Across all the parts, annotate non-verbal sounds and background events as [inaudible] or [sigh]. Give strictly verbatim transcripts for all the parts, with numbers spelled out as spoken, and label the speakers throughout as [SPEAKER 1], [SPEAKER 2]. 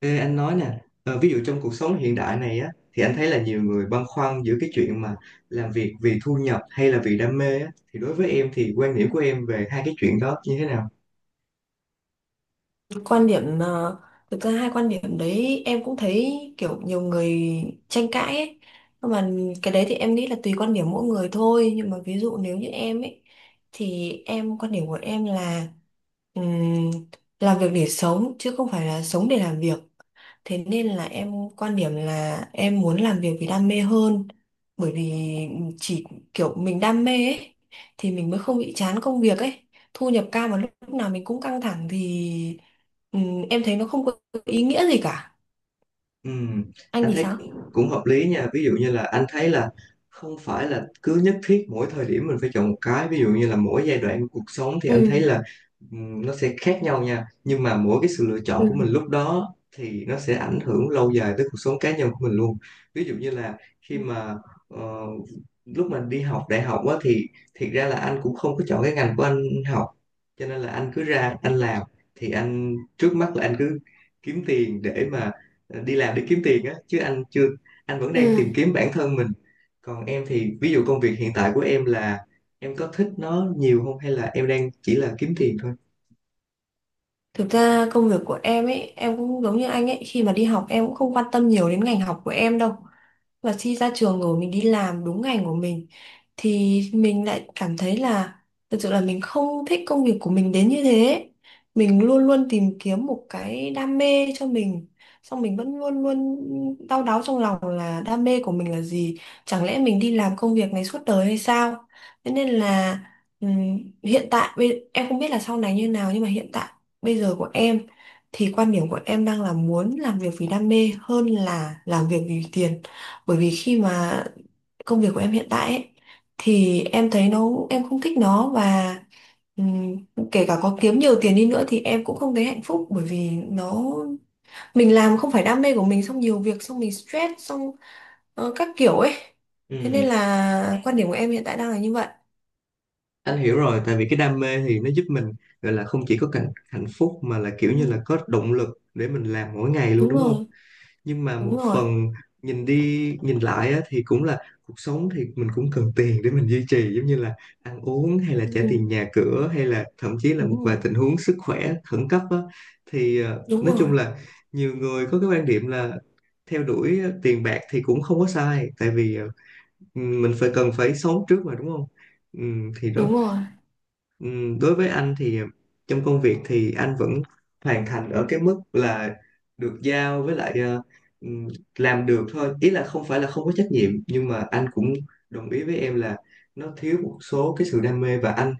[SPEAKER 1] Ê, anh nói nè, ờ, ví dụ trong cuộc sống hiện đại này á, thì anh thấy là nhiều người băn khoăn giữa cái chuyện mà làm việc vì thu nhập hay là vì đam mê á, thì đối với em thì quan điểm của em về hai cái chuyện đó như thế nào?
[SPEAKER 2] Quan điểm ờ, thực ra hai quan điểm đấy em cũng thấy kiểu nhiều người tranh cãi ấy, nhưng mà cái đấy thì em nghĩ là tùy quan điểm mỗi người thôi. Nhưng mà ví dụ nếu như em ấy, thì em, quan điểm của em là ừm, làm việc để sống chứ không phải là sống để làm việc. Thế nên là em quan điểm là em muốn làm việc vì đam mê hơn, bởi vì chỉ kiểu mình đam mê ấy thì mình mới không bị chán công việc ấy. Thu nhập cao mà lúc nào mình cũng căng thẳng thì, ừ, em thấy nó không có ý nghĩa gì cả.
[SPEAKER 1] Ừ,
[SPEAKER 2] Anh
[SPEAKER 1] anh
[SPEAKER 2] thì
[SPEAKER 1] thấy
[SPEAKER 2] sao?
[SPEAKER 1] cũng cũng hợp lý nha. Ví dụ như là anh thấy là không phải là cứ nhất thiết mỗi thời điểm mình phải chọn một cái. Ví dụ như là mỗi giai đoạn của cuộc sống thì anh
[SPEAKER 2] Ừ.
[SPEAKER 1] thấy là ừm, nó sẽ khác nhau nha, nhưng mà mỗi cái sự lựa chọn của mình
[SPEAKER 2] ừ
[SPEAKER 1] lúc đó thì nó sẽ ảnh hưởng lâu dài tới cuộc sống cá nhân của mình luôn. Ví dụ như là khi mà ờ, lúc mà đi học đại học á thì thiệt ra là anh cũng không có chọn cái ngành của anh học, cho nên là anh cứ ra anh làm. Thì anh trước mắt là anh cứ kiếm tiền để mà, ờ, đi làm để kiếm tiền á, chứ anh chưa, anh vẫn đang
[SPEAKER 2] ừ.
[SPEAKER 1] tìm kiếm bản thân mình. Còn em thì ví dụ công việc hiện tại của em là em có thích nó nhiều không hay là em đang chỉ là kiếm tiền thôi?
[SPEAKER 2] Thực ra công việc của em ấy, em cũng giống như anh ấy, khi mà đi học em cũng không quan tâm nhiều đến ngành học của em đâu. Và khi ra trường rồi mình đi làm đúng ngành của mình thì mình lại cảm thấy là thực sự là mình không thích công việc của mình đến như thế. Mình luôn luôn tìm kiếm một cái đam mê cho mình, xong mình vẫn luôn luôn đau đáu trong lòng là đam mê của mình là gì, chẳng lẽ mình đi làm công việc này suốt đời hay sao? Thế nên là, ừm, hiện tại bây- em không biết là sau này như nào nhưng mà hiện tại bây giờ của em thì quan điểm của em đang là muốn làm việc vì đam mê hơn là làm việc vì tiền. Bởi vì khi mà công việc của em hiện tại ấy, thì em thấy nó, em không thích nó và ừm, kể cả có kiếm nhiều tiền đi nữa thì em cũng không thấy hạnh phúc, bởi vì nó mình làm không phải đam mê của mình, xong nhiều việc xong mình stress xong ờ, các kiểu ấy. Thế nên
[SPEAKER 1] Ừ,
[SPEAKER 2] là quan điểm của em hiện tại đang là như vậy.
[SPEAKER 1] anh hiểu rồi, tại vì cái đam mê thì nó giúp mình, gọi là không chỉ có cảnh hạnh phúc mà là
[SPEAKER 2] Ừ,
[SPEAKER 1] kiểu như là có động lực để mình làm mỗi ngày luôn,
[SPEAKER 2] đúng
[SPEAKER 1] đúng không?
[SPEAKER 2] rồi,
[SPEAKER 1] Nhưng mà một
[SPEAKER 2] đúng rồi.
[SPEAKER 1] phần, nhìn đi nhìn lại á, thì cũng là cuộc sống thì mình cũng cần tiền để mình duy trì, giống như là ăn uống hay là
[SPEAKER 2] Ừ,
[SPEAKER 1] trả tiền nhà cửa hay là thậm chí là một
[SPEAKER 2] đúng
[SPEAKER 1] vài
[SPEAKER 2] rồi,
[SPEAKER 1] tình huống sức khỏe khẩn cấp á, thì ờ,
[SPEAKER 2] đúng
[SPEAKER 1] nói
[SPEAKER 2] rồi,
[SPEAKER 1] chung là nhiều người có cái quan điểm là theo đuổi ờ, tiền bạc thì cũng không có sai, tại vì ờ, mình phải cần phải sống trước mà, đúng không? Ừ, thì đó.
[SPEAKER 2] đúng rồi.
[SPEAKER 1] Ừm, đối với anh thì ờ, trong công việc thì anh vẫn hoàn thành ở cái mức là được giao, với lại ờ, ừm, làm được thôi, ý là không phải là không có trách nhiệm, nhưng mà anh cũng đồng ý với em là nó thiếu một số cái sự đam mê, và anh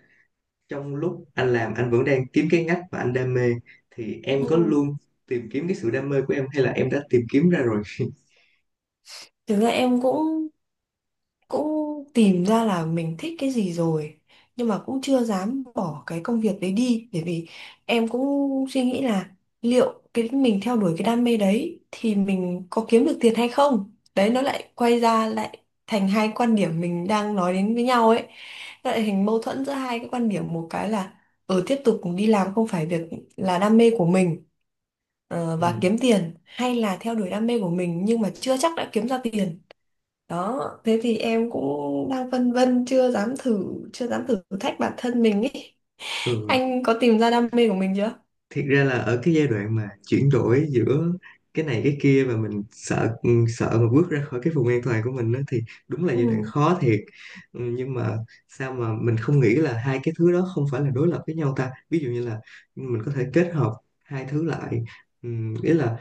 [SPEAKER 1] trong lúc anh làm anh vẫn đang kiếm cái ngách mà anh đam mê. Thì em
[SPEAKER 2] Ừ.
[SPEAKER 1] có luôn tìm kiếm cái sự đam mê của em hay là em đã tìm kiếm ra rồi?
[SPEAKER 2] Thực ra em cũng cũng tìm ra là mình thích cái gì rồi, nhưng mà cũng chưa dám bỏ cái công việc đấy đi. Bởi vì em cũng suy nghĩ là liệu cái mình theo đuổi cái đam mê đấy thì mình có kiếm được tiền hay không, đấy nó lại quay ra lại thành hai quan điểm mình đang nói đến với nhau ấy. Nó lại thành mâu thuẫn giữa hai cái quan điểm, một cái là ở tiếp tục đi làm không phải việc là đam mê của mình ờ, và kiếm
[SPEAKER 1] [laughs]
[SPEAKER 2] tiền, hay là theo đuổi đam mê của mình nhưng mà chưa chắc đã kiếm ra tiền. Đó, thế thì em cũng đang phân vân chưa dám thử, chưa dám thử thách bản thân mình ấy.
[SPEAKER 1] Ừ.
[SPEAKER 2] Anh có tìm ra đam mê của mình chưa?
[SPEAKER 1] Thiệt ra là ở cái giai đoạn mà chuyển đổi giữa cái này cái kia và mình sợ, ừ, sợ mà bước ra khỏi cái vùng an toàn của mình đó, thì đúng là
[SPEAKER 2] Ừ.
[SPEAKER 1] giai đoạn khó thiệt. Ừ, nhưng mà sao mà mình không nghĩ là hai cái thứ đó không phải là đối lập với nhau ta? Ví dụ như là mình có thể kết hợp hai thứ lại. Ừ, ý là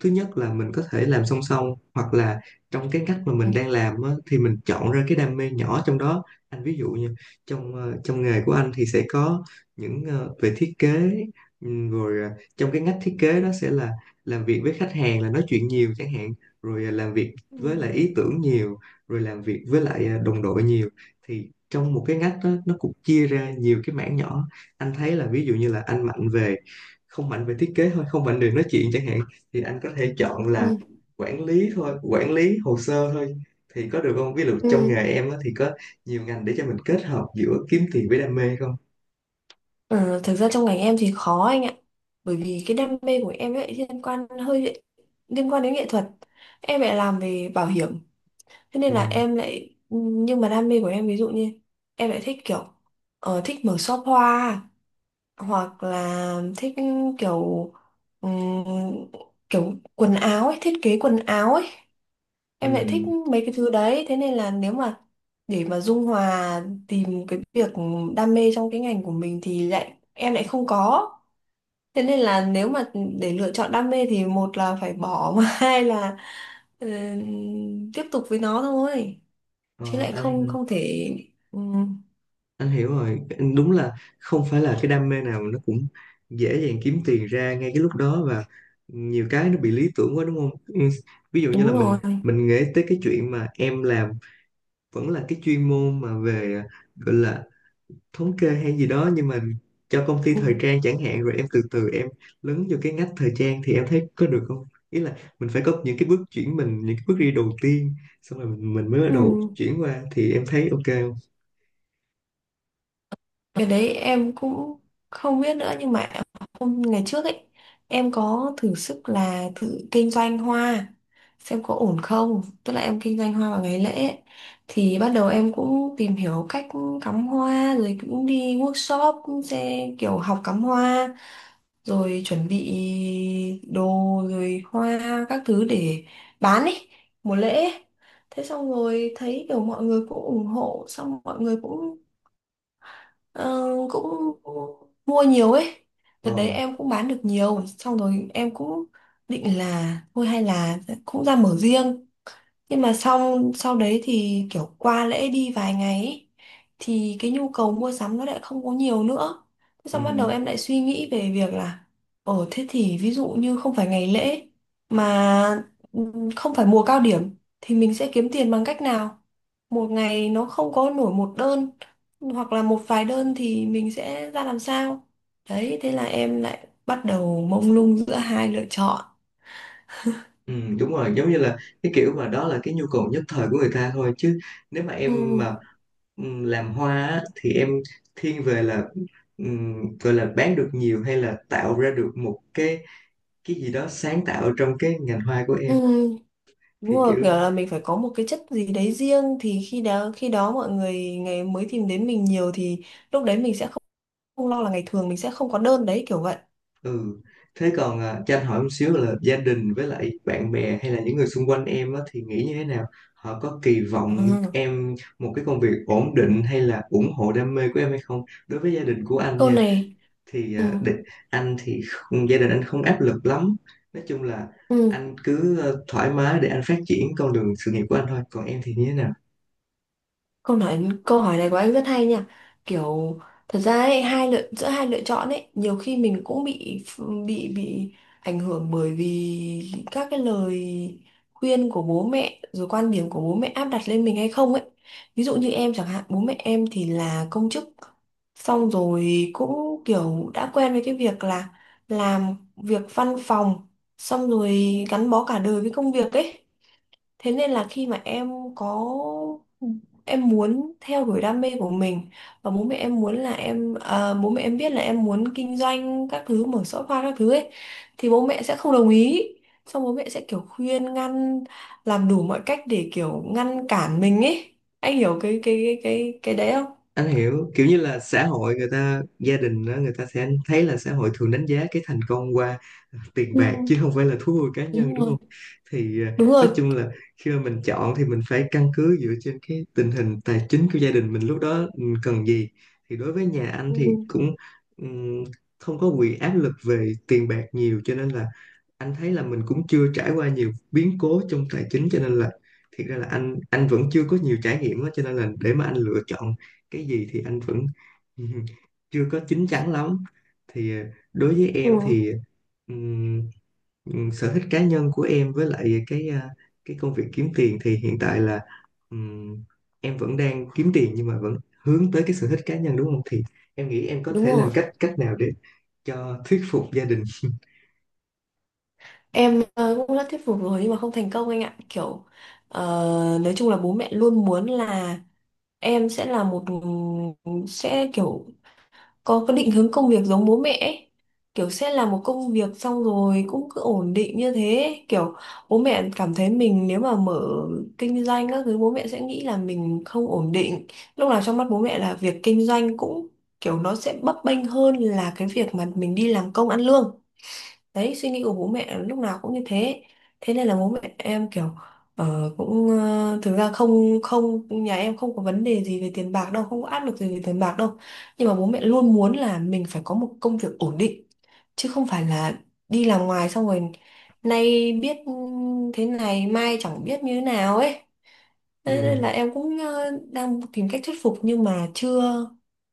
[SPEAKER 1] thứ nhất là mình có thể làm song song, hoặc là trong cái cách mà mình đang làm á, thì mình chọn ra cái đam mê nhỏ trong đó. Anh ví dụ như trong, ờ, trong nghề của anh thì sẽ có những, ờ, về thiết kế, ừm, rồi ờ, trong cái ngách thiết kế đó sẽ là làm việc với khách hàng là nói chuyện nhiều chẳng hạn, rồi ờ, làm việc
[SPEAKER 2] Ừ.
[SPEAKER 1] với lại ý tưởng nhiều, rồi làm việc với lại ờ, đồng đội nhiều. Thì trong một cái ngách đó, nó cũng chia ra nhiều cái mảng nhỏ. Anh thấy là ví dụ như là anh mạnh về, không mạnh về thiết kế thôi, không mạnh về nói chuyện chẳng hạn, thì anh có thể chọn là
[SPEAKER 2] Ừ.
[SPEAKER 1] quản lý thôi, quản lý hồ sơ thôi, thì có được không? Ví dụ trong
[SPEAKER 2] Ừ.
[SPEAKER 1] nghề em á, thì có nhiều ngành để cho mình kết hợp giữa kiếm tiền với đam mê không?
[SPEAKER 2] Ờ, thực ra trong ngành em thì khó anh ạ, bởi vì cái đam mê của em ấy liên quan hơi liên quan đến nghệ thuật. Em lại làm về bảo hiểm, thế nên là
[SPEAKER 1] Ừ.
[SPEAKER 2] em lại, nhưng mà đam mê của em ví dụ như em lại thích kiểu ờ, thích mở shop hoa hoặc là thích kiểu ừm, kiểu quần áo ấy, thiết kế quần áo ấy, em lại thích
[SPEAKER 1] Ừ.
[SPEAKER 2] mấy cái thứ đấy. Thế nên là nếu mà để mà dung hòa tìm cái việc đam mê trong cái ngành của mình thì lại em lại không có. Thế nên là nếu mà để lựa chọn đam mê thì một là phải bỏ [laughs] mà hai là ừm, tiếp tục với nó thôi,
[SPEAKER 1] ờ,
[SPEAKER 2] chứ lại không
[SPEAKER 1] anh
[SPEAKER 2] không thể ừm,
[SPEAKER 1] anh hiểu rồi. Anh đúng là không phải là cái đam mê nào nó cũng dễ dàng kiếm tiền ra ngay cái lúc đó, và nhiều cái nó bị lý tưởng quá, đúng không? Ừ, ví dụ như là
[SPEAKER 2] đúng
[SPEAKER 1] mình
[SPEAKER 2] rồi.
[SPEAKER 1] mình nghĩ tới cái chuyện mà em làm vẫn là cái chuyên môn mà về, gọi là thống kê hay gì đó, nhưng mà cho công ty thời
[SPEAKER 2] Ừm.
[SPEAKER 1] trang chẳng hạn, rồi em từ từ em lấn vô cái ngách thời trang thì em thấy có được không? Ý là mình phải có những cái bước chuyển mình, những cái bước đi đầu tiên, xong rồi mình, mình mới bắt đầu
[SPEAKER 2] Ừm.
[SPEAKER 1] chuyển qua, thì em thấy ok không?
[SPEAKER 2] Cái đấy em cũng không biết nữa, nhưng mà hôm ngày trước ấy em có thử sức là thử kinh doanh hoa xem có ổn không, tức là em kinh doanh hoa vào ngày lễ ấy. Thì bắt đầu em cũng tìm hiểu cách cắm hoa, rồi cũng đi workshop, cũng sẽ kiểu học cắm hoa, rồi chuẩn bị đồ, rồi hoa các thứ để bán ấy, mùa lễ ấy. Thế xong rồi thấy kiểu mọi người cũng ủng hộ, xong mọi người cũng, ờ, cũng mua nhiều ấy. Đợt
[SPEAKER 1] Ờ,
[SPEAKER 2] đấy em cũng bán được nhiều, xong rồi em cũng định là thôi hay là cũng ra mở riêng. Nhưng mà sau sau đấy thì kiểu qua lễ đi vài ngày ấy, thì cái nhu cầu mua sắm nó lại không có nhiều nữa. Thế
[SPEAKER 1] ừ,
[SPEAKER 2] xong bắt đầu em lại suy nghĩ về việc là ở thế thì ví dụ như không phải ngày lễ mà ừm, không phải mùa cao điểm thì mình sẽ kiếm tiền bằng cách nào? Một ngày nó không có nổi một đơn hoặc là một vài đơn thì mình sẽ ra làm sao? Đấy, thế là em lại bắt đầu mông lung giữa hai lựa chọn.
[SPEAKER 1] ừ, đúng rồi, giống như là cái kiểu mà đó là cái nhu cầu nhất thời của người ta thôi, chứ nếu mà
[SPEAKER 2] Ừ.
[SPEAKER 1] em mà ừm, làm hoa á, thì em thiên về là, ừm, gọi là bán được nhiều hay là tạo ra được một cái cái gì đó sáng tạo trong cái ngành hoa của
[SPEAKER 2] Ừ.
[SPEAKER 1] em,
[SPEAKER 2] Đúng
[SPEAKER 1] thì
[SPEAKER 2] rồi,
[SPEAKER 1] kiểu,
[SPEAKER 2] kiểu là mình phải có một cái chất gì đấy riêng thì khi đó khi đó mọi người ngày mới tìm đến mình nhiều, thì lúc đấy mình sẽ không, không lo là ngày thường mình sẽ không có đơn đấy, kiểu vậy.
[SPEAKER 1] ừ. Thế còn à, cho anh hỏi một xíu là gia đình với lại bạn bè hay là những người xung quanh em á, thì nghĩ như thế nào? Họ có kỳ vọng
[SPEAKER 2] Ừ.
[SPEAKER 1] em một cái công việc ổn định hay là ủng hộ đam mê của em hay không? Đối với gia đình của anh
[SPEAKER 2] Câu
[SPEAKER 1] nha,
[SPEAKER 2] này,
[SPEAKER 1] thì
[SPEAKER 2] ừ.
[SPEAKER 1] à, để, anh thì không, gia đình anh không áp lực lắm. Nói chung là
[SPEAKER 2] Ừ.
[SPEAKER 1] anh cứ ờ, thoải mái để anh phát triển con đường sự nghiệp của anh thôi. Còn em thì như thế nào?
[SPEAKER 2] Câu nói Câu hỏi này của anh rất hay nha. Kiểu thật ra ấy, hai lựa giữa hai lựa chọn ấy, nhiều khi mình cũng bị bị bị ảnh hưởng bởi vì các cái lời khuyên của bố mẹ, rồi quan điểm của bố mẹ áp đặt lên mình hay không ấy. Ví dụ như em chẳng hạn, bố mẹ em thì là công chức. Xong rồi cũng kiểu đã quen với cái việc là làm việc văn phòng, xong rồi gắn bó cả đời với công việc ấy. Thế nên là khi mà em có em muốn theo đuổi đam mê của mình, và bố mẹ em muốn là em, à, bố mẹ em biết là em muốn kinh doanh các thứ, mở shop hoa các thứ ấy thì bố mẹ sẽ không đồng ý, xong bố mẹ sẽ kiểu khuyên ngăn, làm đủ mọi cách để kiểu ngăn cản mình ấy. Anh hiểu cái cái cái cái cái đấy không?
[SPEAKER 1] Anh hiểu, kiểu như là xã hội người ta, gia đình đó, người ta sẽ thấy là xã hội thường đánh giá cái thành công qua tiền
[SPEAKER 2] Ừ,
[SPEAKER 1] bạc chứ không phải là thú vui cá nhân,
[SPEAKER 2] đúng
[SPEAKER 1] đúng
[SPEAKER 2] rồi,
[SPEAKER 1] không? Thì à,
[SPEAKER 2] đúng
[SPEAKER 1] nói
[SPEAKER 2] rồi.
[SPEAKER 1] chung là khi mà mình chọn thì mình phải căn cứ dựa trên cái tình hình tài chính của gia đình mình lúc đó mình cần gì. Thì đối với nhà anh
[SPEAKER 2] Ừ,
[SPEAKER 1] thì cũng ừm, không có bị áp lực về tiền bạc nhiều, cho nên là anh thấy là mình cũng chưa trải qua nhiều biến cố trong tài chính, cho nên là thiệt ra là anh anh vẫn chưa có nhiều trải nghiệm đó, cho nên là để mà anh lựa chọn cái gì thì anh vẫn [laughs] chưa có chín chắn lắm. Thì ờ, đối với
[SPEAKER 2] ừ,
[SPEAKER 1] em thì ừm, ừm, sở thích cá nhân của em với lại cái ờ, cái công việc kiếm tiền thì hiện tại là, ừm, em vẫn đang kiếm tiền nhưng mà vẫn hướng tới cái sở thích cá nhân, đúng không? Thì em nghĩ em có
[SPEAKER 2] đúng
[SPEAKER 1] thể làm
[SPEAKER 2] rồi.
[SPEAKER 1] cách cách nào để cho thuyết phục gia đình?
[SPEAKER 2] Em ờ, cũng đã thuyết phục rồi nhưng mà không thành công anh ạ. Kiểu ờ, nói chung là bố mẹ luôn muốn là em sẽ là một, sẽ kiểu có cái định hướng công việc giống bố mẹ ấy. Kiểu sẽ làm một công việc xong rồi cũng cứ ổn định như thế, kiểu bố mẹ cảm thấy mình nếu mà mở kinh doanh các thứ bố mẹ sẽ nghĩ là mình không ổn định. Lúc nào trong mắt bố mẹ là việc kinh doanh cũng kiểu nó sẽ bấp bênh hơn là cái việc mà mình đi làm công ăn lương. Đấy suy nghĩ của bố mẹ lúc nào cũng như thế. Thế nên là bố mẹ em kiểu ờ, cũng ờ, thực ra không không, nhà em không có vấn đề gì về tiền bạc đâu, không có áp lực gì về tiền bạc đâu. Nhưng mà bố mẹ luôn muốn là mình phải có một công việc ổn định, chứ không phải là đi làm ngoài xong rồi nay biết thế này mai chẳng biết như thế nào ấy. Thế nên là em cũng ờ, đang tìm cách thuyết phục nhưng mà chưa,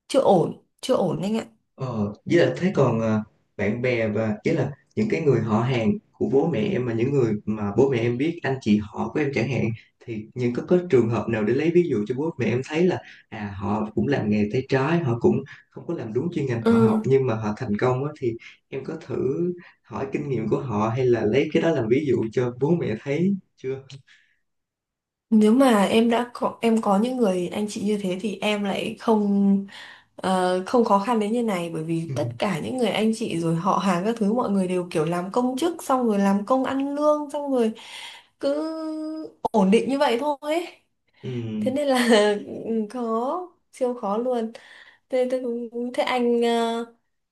[SPEAKER 2] chưa ổn chưa ổn anh ạ.
[SPEAKER 1] Ờ, với là thế còn à, bạn bè và ý là những cái người họ hàng của bố mẹ em mà những người mà bố mẹ em biết, anh chị họ của em chẳng hạn, thì những, có có trường hợp nào để lấy ví dụ cho bố mẹ em thấy là, à, họ cũng làm nghề tay trái, họ cũng không có làm đúng chuyên ngành
[SPEAKER 2] Ừ.
[SPEAKER 1] họ học nhưng mà họ thành công á, thì em có thử hỏi kinh nghiệm của họ hay là lấy cái đó làm ví dụ cho bố mẹ thấy chưa?
[SPEAKER 2] Nếu mà em đã có, em có những người anh chị như thế thì em lại không ờ, không khó khăn đến như này, bởi vì tất
[SPEAKER 1] [laughs]
[SPEAKER 2] cả những người anh chị rồi họ hàng các thứ mọi người đều kiểu làm công chức, xong rồi làm công ăn lương, xong rồi cứ ổn định như vậy thôi ấy.
[SPEAKER 1] Ừ.
[SPEAKER 2] Thế nên là [laughs] khó, siêu khó luôn. Thế, thế, thế anh ờ,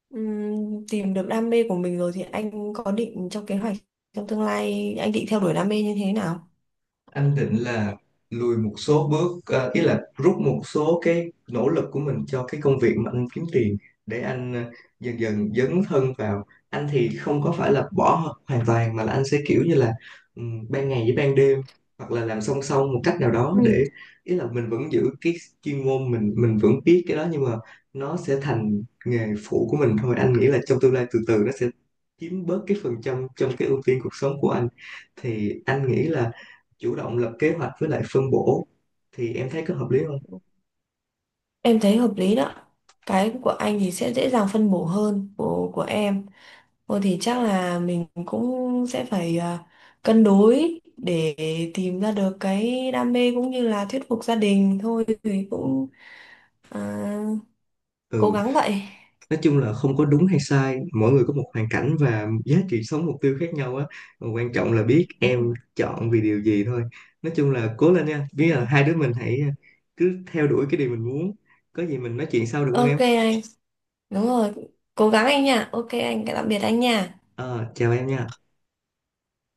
[SPEAKER 2] ừm, tìm được đam mê của mình rồi thì anh có định trong kế hoạch trong tương lai anh định theo đuổi đam mê như thế nào?
[SPEAKER 1] Anh định là lùi một số bước, ờ, ý là rút một số cái nỗ lực của mình cho cái công việc mà anh kiếm tiền để anh ờ, dần dần dấn thân vào. Anh thì không có phải là bỏ hoàn toàn, mà là anh sẽ kiểu như là, ừm, ban ngày với ban đêm, hoặc là làm song song một cách nào đó
[SPEAKER 2] Ừ.
[SPEAKER 1] để, ý là mình vẫn giữ cái chuyên môn mình mình vẫn biết cái đó nhưng mà nó sẽ thành nghề phụ của mình thôi. Anh nghĩ là trong tương lai từ từ nó sẽ chiếm bớt cái phần trăm trong cái ưu tiên cuộc sống của anh. Thì anh nghĩ là chủ động lập kế hoạch với lại phân bổ, thì em thấy có hợp lý không?
[SPEAKER 2] Em thấy hợp lý đó. Cái của anh thì sẽ dễ dàng phân bổ hơn của của em. Thôi thì chắc là mình cũng sẽ phải à, cân đối để tìm ra được cái đam mê cũng như là thuyết phục gia đình thôi, thì cũng à, cố
[SPEAKER 1] Ừ,
[SPEAKER 2] gắng vậy.
[SPEAKER 1] nói chung là không có đúng hay sai, mỗi người có một hoàn cảnh và giá trị sống mục tiêu khác nhau á. Mà quan trọng là biết
[SPEAKER 2] Đúng
[SPEAKER 1] em
[SPEAKER 2] rồi,
[SPEAKER 1] chọn vì điều gì thôi. Nói chung là cố lên nha, biết
[SPEAKER 2] đúng rồi.
[SPEAKER 1] là hai đứa mình hãy à, cứ theo đuổi cái điều mình muốn. Có gì mình nói chuyện sau được không
[SPEAKER 2] Ok
[SPEAKER 1] em?
[SPEAKER 2] anh, đúng rồi. Cố gắng anh nha. Ok anh, tạm biệt anh nha.
[SPEAKER 1] Ờ, chào em nha.